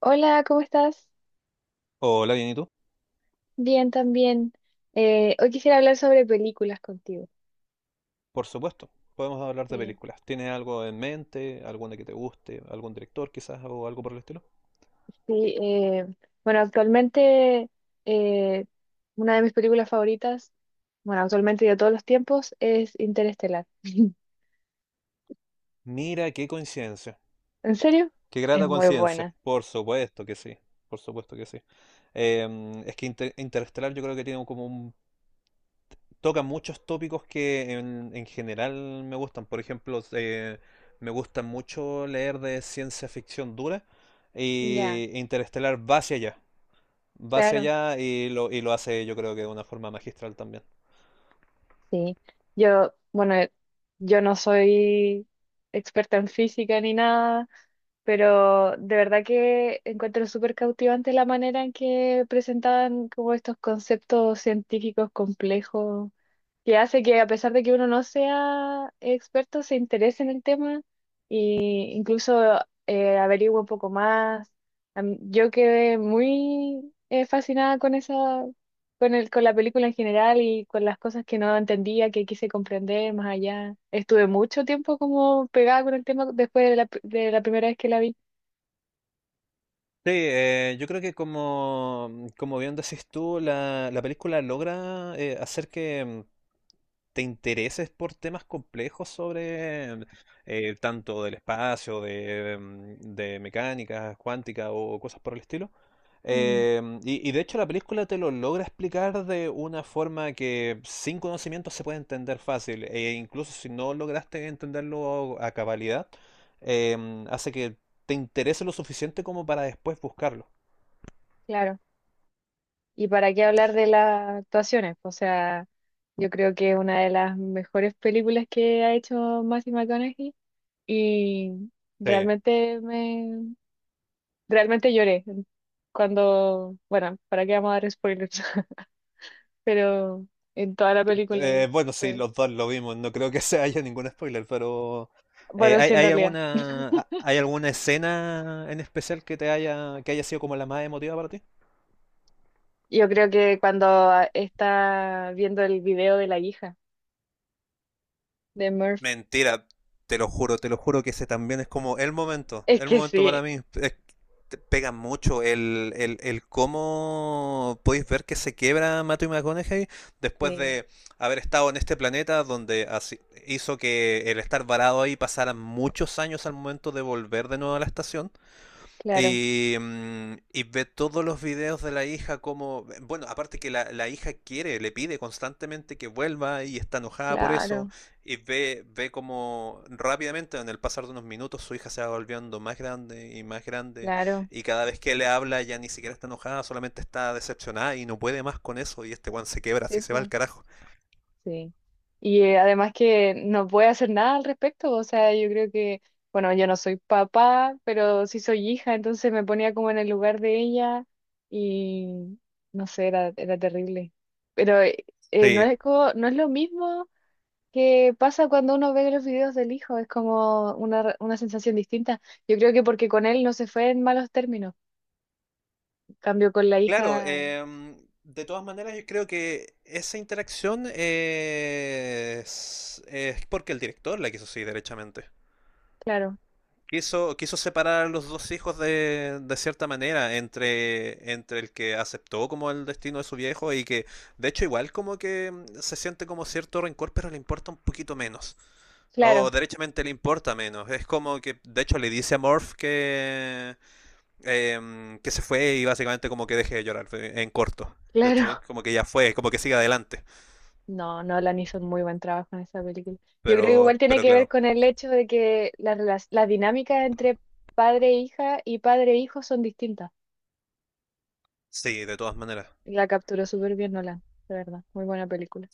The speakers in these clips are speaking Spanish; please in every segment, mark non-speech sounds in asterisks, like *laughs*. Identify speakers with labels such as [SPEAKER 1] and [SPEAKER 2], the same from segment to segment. [SPEAKER 1] Hola, ¿cómo estás?
[SPEAKER 2] Hola, bien, ¿y tú?
[SPEAKER 1] Bien, también. Hoy quisiera hablar sobre películas contigo.
[SPEAKER 2] Por supuesto, podemos hablar de
[SPEAKER 1] Sí.
[SPEAKER 2] películas. ¿Tienes algo en mente? ¿Alguna que te guste? ¿Algún director quizás o algo por el estilo?
[SPEAKER 1] Sí, eh, bueno, actualmente eh, una de mis películas favoritas, bueno, actualmente de todos los tiempos, es Interestelar.
[SPEAKER 2] Mira, qué coincidencia.
[SPEAKER 1] ¿En serio?
[SPEAKER 2] Qué
[SPEAKER 1] Es
[SPEAKER 2] grata
[SPEAKER 1] muy
[SPEAKER 2] coincidencia.
[SPEAKER 1] buena.
[SPEAKER 2] Por supuesto que sí. Por supuesto que sí. Es que Interestelar yo creo que toca muchos tópicos que en general me gustan. Por ejemplo, me gusta mucho leer de ciencia ficción dura
[SPEAKER 1] Ya,
[SPEAKER 2] y Interestelar va hacia allá. Va hacia
[SPEAKER 1] claro.
[SPEAKER 2] allá y lo hace yo creo que de una forma magistral también.
[SPEAKER 1] Sí. Yo, bueno, yo no soy experta en física ni nada, pero de verdad que encuentro súper cautivante la manera en que presentaban como estos conceptos científicos complejos, que hace que a pesar de que uno no sea experto, se interese en el tema e incluso averigüe un poco más. Yo quedé muy fascinada con esa, con la película en general y con las cosas que no entendía, que quise comprender más allá. Estuve mucho tiempo como pegada con el tema después de la primera vez que la vi.
[SPEAKER 2] Sí, yo creo que como bien decís tú, la película logra hacer que te intereses por temas complejos sobre tanto del espacio, de mecánica cuántica o cosas por el estilo.
[SPEAKER 1] Mm,
[SPEAKER 2] Y de hecho la película te lo logra explicar de una forma que sin conocimiento se puede entender fácil, e incluso si no lograste entenderlo a cabalidad, eh, hace que te interese lo suficiente como para después buscarlo.
[SPEAKER 1] claro. ¿Y para qué hablar de las actuaciones? O sea, yo creo que es una de las mejores películas que ha hecho Matthew McConaughey y
[SPEAKER 2] Sí.
[SPEAKER 1] realmente me realmente lloré cuando, bueno, ¿para qué vamos a dar spoilers? *laughs* Pero en toda la película y
[SPEAKER 2] Bueno, sí,
[SPEAKER 1] fue-
[SPEAKER 2] los dos lo vimos. No creo que *laughs* se haya ningún spoiler, pero
[SPEAKER 1] bueno,
[SPEAKER 2] ¿hay,
[SPEAKER 1] sí en
[SPEAKER 2] hay
[SPEAKER 1] realidad.
[SPEAKER 2] alguna, ha- hay alguna escena en especial que haya sido como la más emotiva para ti?
[SPEAKER 1] Yo creo que cuando está viendo el video de la hija de Murph,
[SPEAKER 2] Mentira, te lo juro que ese también es como
[SPEAKER 1] es
[SPEAKER 2] el
[SPEAKER 1] que
[SPEAKER 2] momento
[SPEAKER 1] sí,
[SPEAKER 2] para mí. Te pega mucho el cómo podéis ver que se quiebra Matthew McConaughey después
[SPEAKER 1] sí,
[SPEAKER 2] de haber estado en este planeta hizo que el estar varado ahí pasaran muchos años al momento de volver de nuevo a la estación.
[SPEAKER 1] claro,
[SPEAKER 2] Y ve todos los videos de la hija como, bueno, aparte que la hija quiere, le pide constantemente que vuelva y está enojada por eso,
[SPEAKER 1] claro,
[SPEAKER 2] y ve como rápidamente, en el pasar de unos minutos, su hija se va volviendo más grande,
[SPEAKER 1] claro.
[SPEAKER 2] y cada vez que le habla ya ni siquiera está enojada, solamente está decepcionada y no puede más con eso, y este Juan se quebra,
[SPEAKER 1] Sí,
[SPEAKER 2] así se va al
[SPEAKER 1] po.
[SPEAKER 2] carajo.
[SPEAKER 1] Sí. Y además que no puede hacer nada al respecto, o sea, yo creo que, bueno, yo no soy papá, pero sí soy hija, entonces me ponía como en el lugar de ella y no sé, era, era terrible. Pero
[SPEAKER 2] Sí.
[SPEAKER 1] no es lo mismo que pasa cuando uno ve los videos del hijo, es como una, una sensación distinta. Yo creo que porque con él no se fue en malos términos, cambio con la
[SPEAKER 2] Claro,
[SPEAKER 1] hija,
[SPEAKER 2] de todas maneras yo creo que esa interacción es porque el director la quiso así, derechamente.
[SPEAKER 1] claro,
[SPEAKER 2] Quiso separar a los dos hijos de cierta manera entre el que aceptó como el destino de su viejo y que de hecho igual como que se siente como cierto rencor, pero le importa un poquito menos. O
[SPEAKER 1] claro,
[SPEAKER 2] derechamente le importa menos. Es como que de hecho le dice a Morph que se fue y básicamente como que deje de llorar en corto.
[SPEAKER 1] *laughs*
[SPEAKER 2] ¿Cachai?
[SPEAKER 1] claro.
[SPEAKER 2] Como que ya fue, como que siga adelante.
[SPEAKER 1] No, Nolan hizo un muy buen trabajo en esa película. Yo creo que
[SPEAKER 2] Pero,
[SPEAKER 1] igual tiene
[SPEAKER 2] pero
[SPEAKER 1] que ver
[SPEAKER 2] claro,
[SPEAKER 1] con el hecho de que las dinámicas entre padre e hija y padre e hijo son distintas.
[SPEAKER 2] sí, de todas maneras.
[SPEAKER 1] La capturó súper bien Nolan, de verdad. Muy buena película.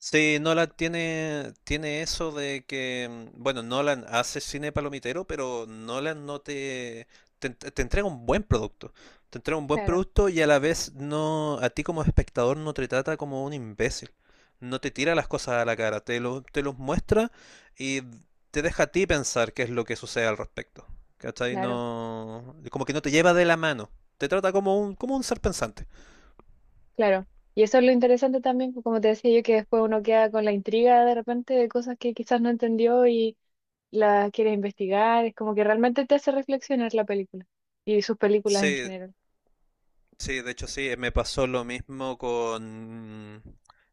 [SPEAKER 2] Sí, Nolan tiene eso de que, bueno, Nolan hace cine palomitero, pero Nolan no te entrega un buen producto. Te entrega un buen
[SPEAKER 1] Claro,
[SPEAKER 2] producto y a la vez no, a ti como espectador no te trata como un imbécil. No te tira las cosas a la cara, te los muestra y te deja a ti pensar qué es lo que sucede al respecto. ¿Cachai?
[SPEAKER 1] claro,
[SPEAKER 2] No, como que no te lleva de la mano. Te trata como un ser pensante.
[SPEAKER 1] claro. Y eso es lo interesante también, pues, como te decía yo, que después uno queda con la intriga de repente de cosas que quizás no entendió y las quiere investigar. Es como que realmente te hace reflexionar la película y sus películas en
[SPEAKER 2] Sí.
[SPEAKER 1] general.
[SPEAKER 2] Sí, de hecho sí, me pasó lo mismo con,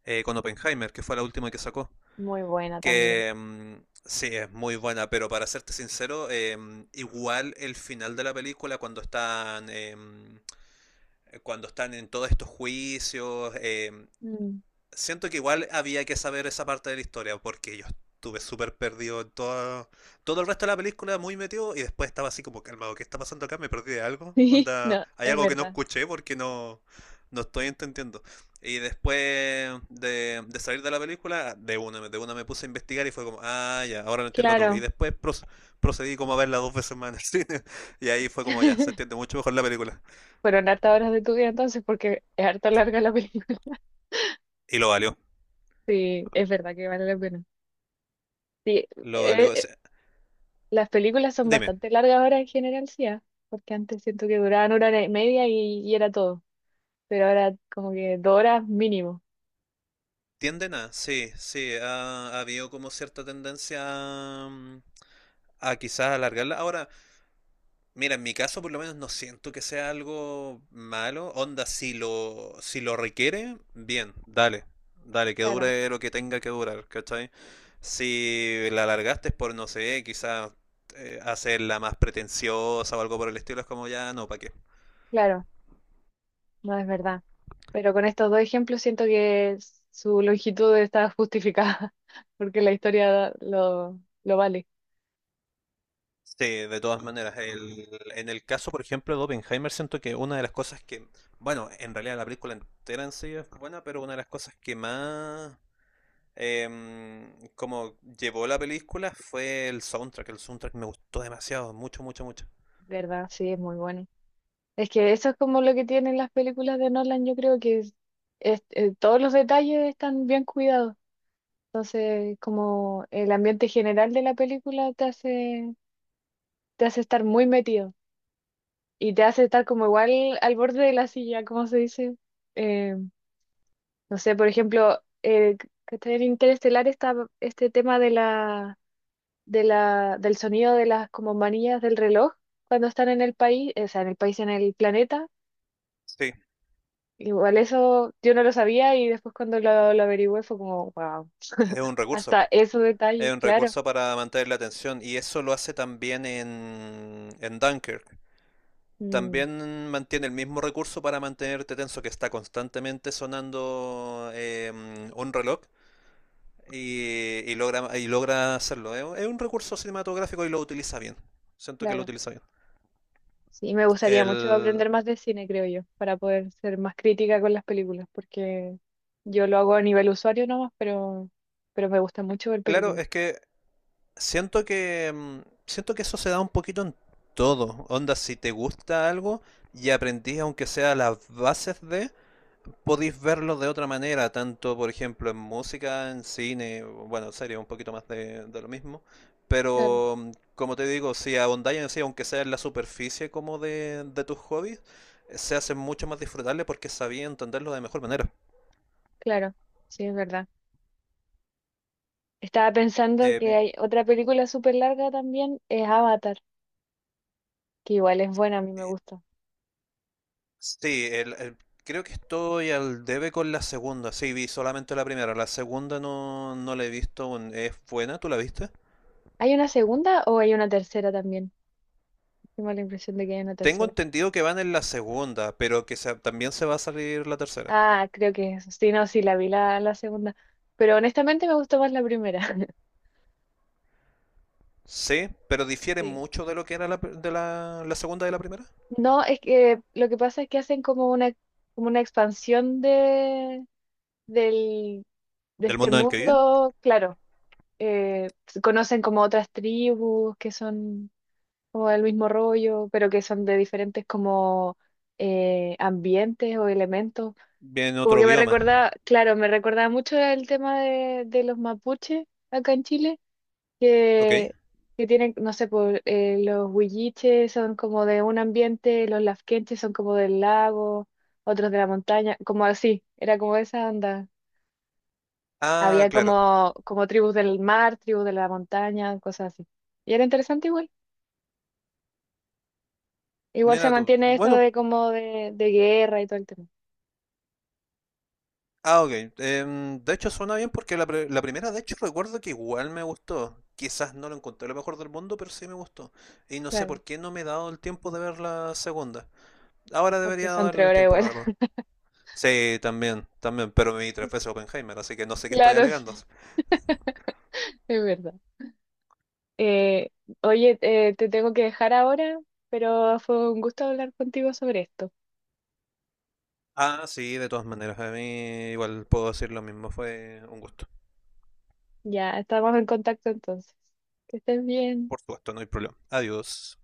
[SPEAKER 2] eh, con Oppenheimer, que fue la última que sacó.
[SPEAKER 1] Muy buena también.
[SPEAKER 2] Que sí, es muy buena, pero para serte sincero, igual el final de la película, cuando están en todos estos juicios,
[SPEAKER 1] Mm.
[SPEAKER 2] siento que igual había que saber esa parte de la historia, porque yo estuve súper perdido en todo el resto de la película, muy metido, y después estaba así como calmado, ¿qué está pasando acá? ¿Me perdí de algo?
[SPEAKER 1] *laughs*
[SPEAKER 2] Onda,
[SPEAKER 1] No,
[SPEAKER 2] hay
[SPEAKER 1] es
[SPEAKER 2] algo que no
[SPEAKER 1] verdad.
[SPEAKER 2] escuché porque no estoy entendiendo. Y después de salir de la película, de una me puse a investigar y fue como, ah, ya, ahora lo entiendo todo. Y
[SPEAKER 1] Claro.
[SPEAKER 2] después procedí como a verla dos veces más en el cine. *laughs* Y ahí fue como, ya, se entiende
[SPEAKER 1] *laughs*
[SPEAKER 2] mucho mejor la película.
[SPEAKER 1] Fueron hartas horas de tu vida entonces, porque es harta larga la película. *laughs*
[SPEAKER 2] Y lo valió,
[SPEAKER 1] Sí, es verdad que vale la pena. Sí,
[SPEAKER 2] lo valió.
[SPEAKER 1] eh,
[SPEAKER 2] O
[SPEAKER 1] eh,
[SPEAKER 2] sea,
[SPEAKER 1] las películas son
[SPEAKER 2] dime.
[SPEAKER 1] bastante largas ahora en general, sí, ah, porque antes siento que duraban 1 hora y media y era todo. Pero ahora como que 2 horas mínimo.
[SPEAKER 2] Tienden a, sí, sí, ha habido como cierta tendencia a, mm, a quizás alargarla. Ahora, mira, en mi caso por lo menos no siento que sea algo malo. Onda, si lo requiere, bien, dale, dale, que
[SPEAKER 1] Claro,
[SPEAKER 2] dure lo que tenga que durar, ¿cachai? Si la alargaste es por, no sé, quizás hacerla más pretenciosa o algo por el estilo, es como ya, no, ¿para qué?
[SPEAKER 1] claro, no es verdad. Pero con estos dos ejemplos siento que su longitud está justificada, *laughs* porque la historia lo vale.
[SPEAKER 2] Sí, de todas maneras. En el caso, por ejemplo, de Oppenheimer, siento que una de las cosas que, bueno, en realidad la película entera en sí es buena, pero una de las cosas que más como llevó la película fue el soundtrack. El soundtrack me gustó demasiado, mucho, mucho, mucho.
[SPEAKER 1] ¿Verdad? Sí, es muy bueno. Es que eso es como lo que tienen las películas de Nolan, yo creo que todos los detalles están bien cuidados. Entonces, como el ambiente general de la película te hace estar muy metido y te hace estar como igual al borde de la silla, como se dice. Eh, no sé, por ejemplo, que está en Interestelar está este tema de la, del sonido de las como manillas del reloj cuando están en el país, o sea, en el país, en el planeta.
[SPEAKER 2] Sí,
[SPEAKER 1] Igual eso yo no lo sabía y después cuando lo averigüé fue como, wow,
[SPEAKER 2] es un recurso.
[SPEAKER 1] hasta esos
[SPEAKER 2] Es
[SPEAKER 1] detalles,
[SPEAKER 2] un
[SPEAKER 1] claro.
[SPEAKER 2] recurso para mantener la atención y eso lo hace también en Dunkirk.
[SPEAKER 1] Mm,
[SPEAKER 2] También mantiene el mismo recurso para mantenerte tenso que está constantemente sonando un reloj y, y logra hacerlo. Es un recurso cinematográfico y lo utiliza bien. Siento que lo
[SPEAKER 1] claro.
[SPEAKER 2] utiliza bien.
[SPEAKER 1] Sí, me gustaría mucho
[SPEAKER 2] El,
[SPEAKER 1] aprender más de cine, creo yo, para poder ser más crítica con las películas, porque yo lo hago a nivel usuario nomás, pero me gusta mucho ver
[SPEAKER 2] claro,
[SPEAKER 1] películas.
[SPEAKER 2] es que siento que eso se da un poquito en todo. Onda, si te gusta algo y aprendís aunque sea las bases de, podéis verlo de otra manera, tanto por ejemplo en música, en cine, bueno, serie, un poquito más de lo mismo.
[SPEAKER 1] Claro,
[SPEAKER 2] Pero como te digo, si ahondáis en sí, aunque sea en la superficie como de tus hobbies, se hace mucho más disfrutable porque sabía entenderlo de mejor manera.
[SPEAKER 1] claro, sí, es verdad. Estaba pensando que
[SPEAKER 2] Eh,
[SPEAKER 1] hay otra película súper larga también, es Avatar, que igual es buena, a mí me
[SPEAKER 2] eh,
[SPEAKER 1] gusta.
[SPEAKER 2] sí, creo que estoy al debe con la segunda. Sí, vi solamente la primera. La segunda no la he visto aún. ¿Es buena? ¿Tú la viste?
[SPEAKER 1] ¿Hay una segunda o hay una tercera también? Tengo la impresión de que hay una
[SPEAKER 2] Tengo
[SPEAKER 1] tercera.
[SPEAKER 2] entendido que van en la segunda, pero que también se va a salir la tercera.
[SPEAKER 1] Ah, creo que eso. Sí, no, sí, la vi la, la segunda. Pero honestamente me gustó más la primera. *laughs*
[SPEAKER 2] Sí, pero difiere
[SPEAKER 1] Sí.
[SPEAKER 2] mucho de lo que era la segunda de la primera.
[SPEAKER 1] No, es que lo que pasa es que hacen como una expansión del, de
[SPEAKER 2] Del
[SPEAKER 1] este
[SPEAKER 2] mundo en el que viven.
[SPEAKER 1] mundo, claro. Se conocen como otras tribus que son como el mismo rollo, pero que son de diferentes como ambientes o elementos.
[SPEAKER 2] Vienen en
[SPEAKER 1] Como
[SPEAKER 2] otro
[SPEAKER 1] que me
[SPEAKER 2] bioma.
[SPEAKER 1] recordaba, claro, me recordaba mucho el tema de los mapuches acá en Chile
[SPEAKER 2] Ok.
[SPEAKER 1] que, que tienen, no sé, por, los huilliches son como de un ambiente, los lafkenches son como del lago, otros de la montaña, como así, era como esa onda.
[SPEAKER 2] Ah,
[SPEAKER 1] Había
[SPEAKER 2] claro.
[SPEAKER 1] como, como tribus del mar, tribus de la montaña, cosas así. Y era interesante igual. Igual se
[SPEAKER 2] Mira tú.
[SPEAKER 1] mantiene esto
[SPEAKER 2] Bueno,
[SPEAKER 1] de como de guerra y todo el tema.
[SPEAKER 2] ah, ok. De hecho, suena bien porque la primera, de hecho, recuerdo que igual me gustó. Quizás no lo encontré lo mejor del mundo, pero sí me gustó. Y no sé
[SPEAKER 1] Claro,
[SPEAKER 2] por qué no me he dado el tiempo de ver la segunda. Ahora
[SPEAKER 1] porque
[SPEAKER 2] debería
[SPEAKER 1] son
[SPEAKER 2] darle
[SPEAKER 1] tres
[SPEAKER 2] el
[SPEAKER 1] horas
[SPEAKER 2] tiempo, la verdad.
[SPEAKER 1] igual. *laughs*
[SPEAKER 2] Sí, también, también, pero me vi tres veces Oppenheimer, así que no sé qué estoy
[SPEAKER 1] Claro, sí,
[SPEAKER 2] alegando.
[SPEAKER 1] es verdad. Eh, oye, te tengo que dejar ahora, pero fue un gusto hablar contigo sobre esto.
[SPEAKER 2] Ah, sí, de todas maneras, a mí igual puedo decir lo mismo, fue un gusto.
[SPEAKER 1] Ya, estamos en contacto entonces. Que estés bien.
[SPEAKER 2] Por supuesto, no hay problema. Adiós.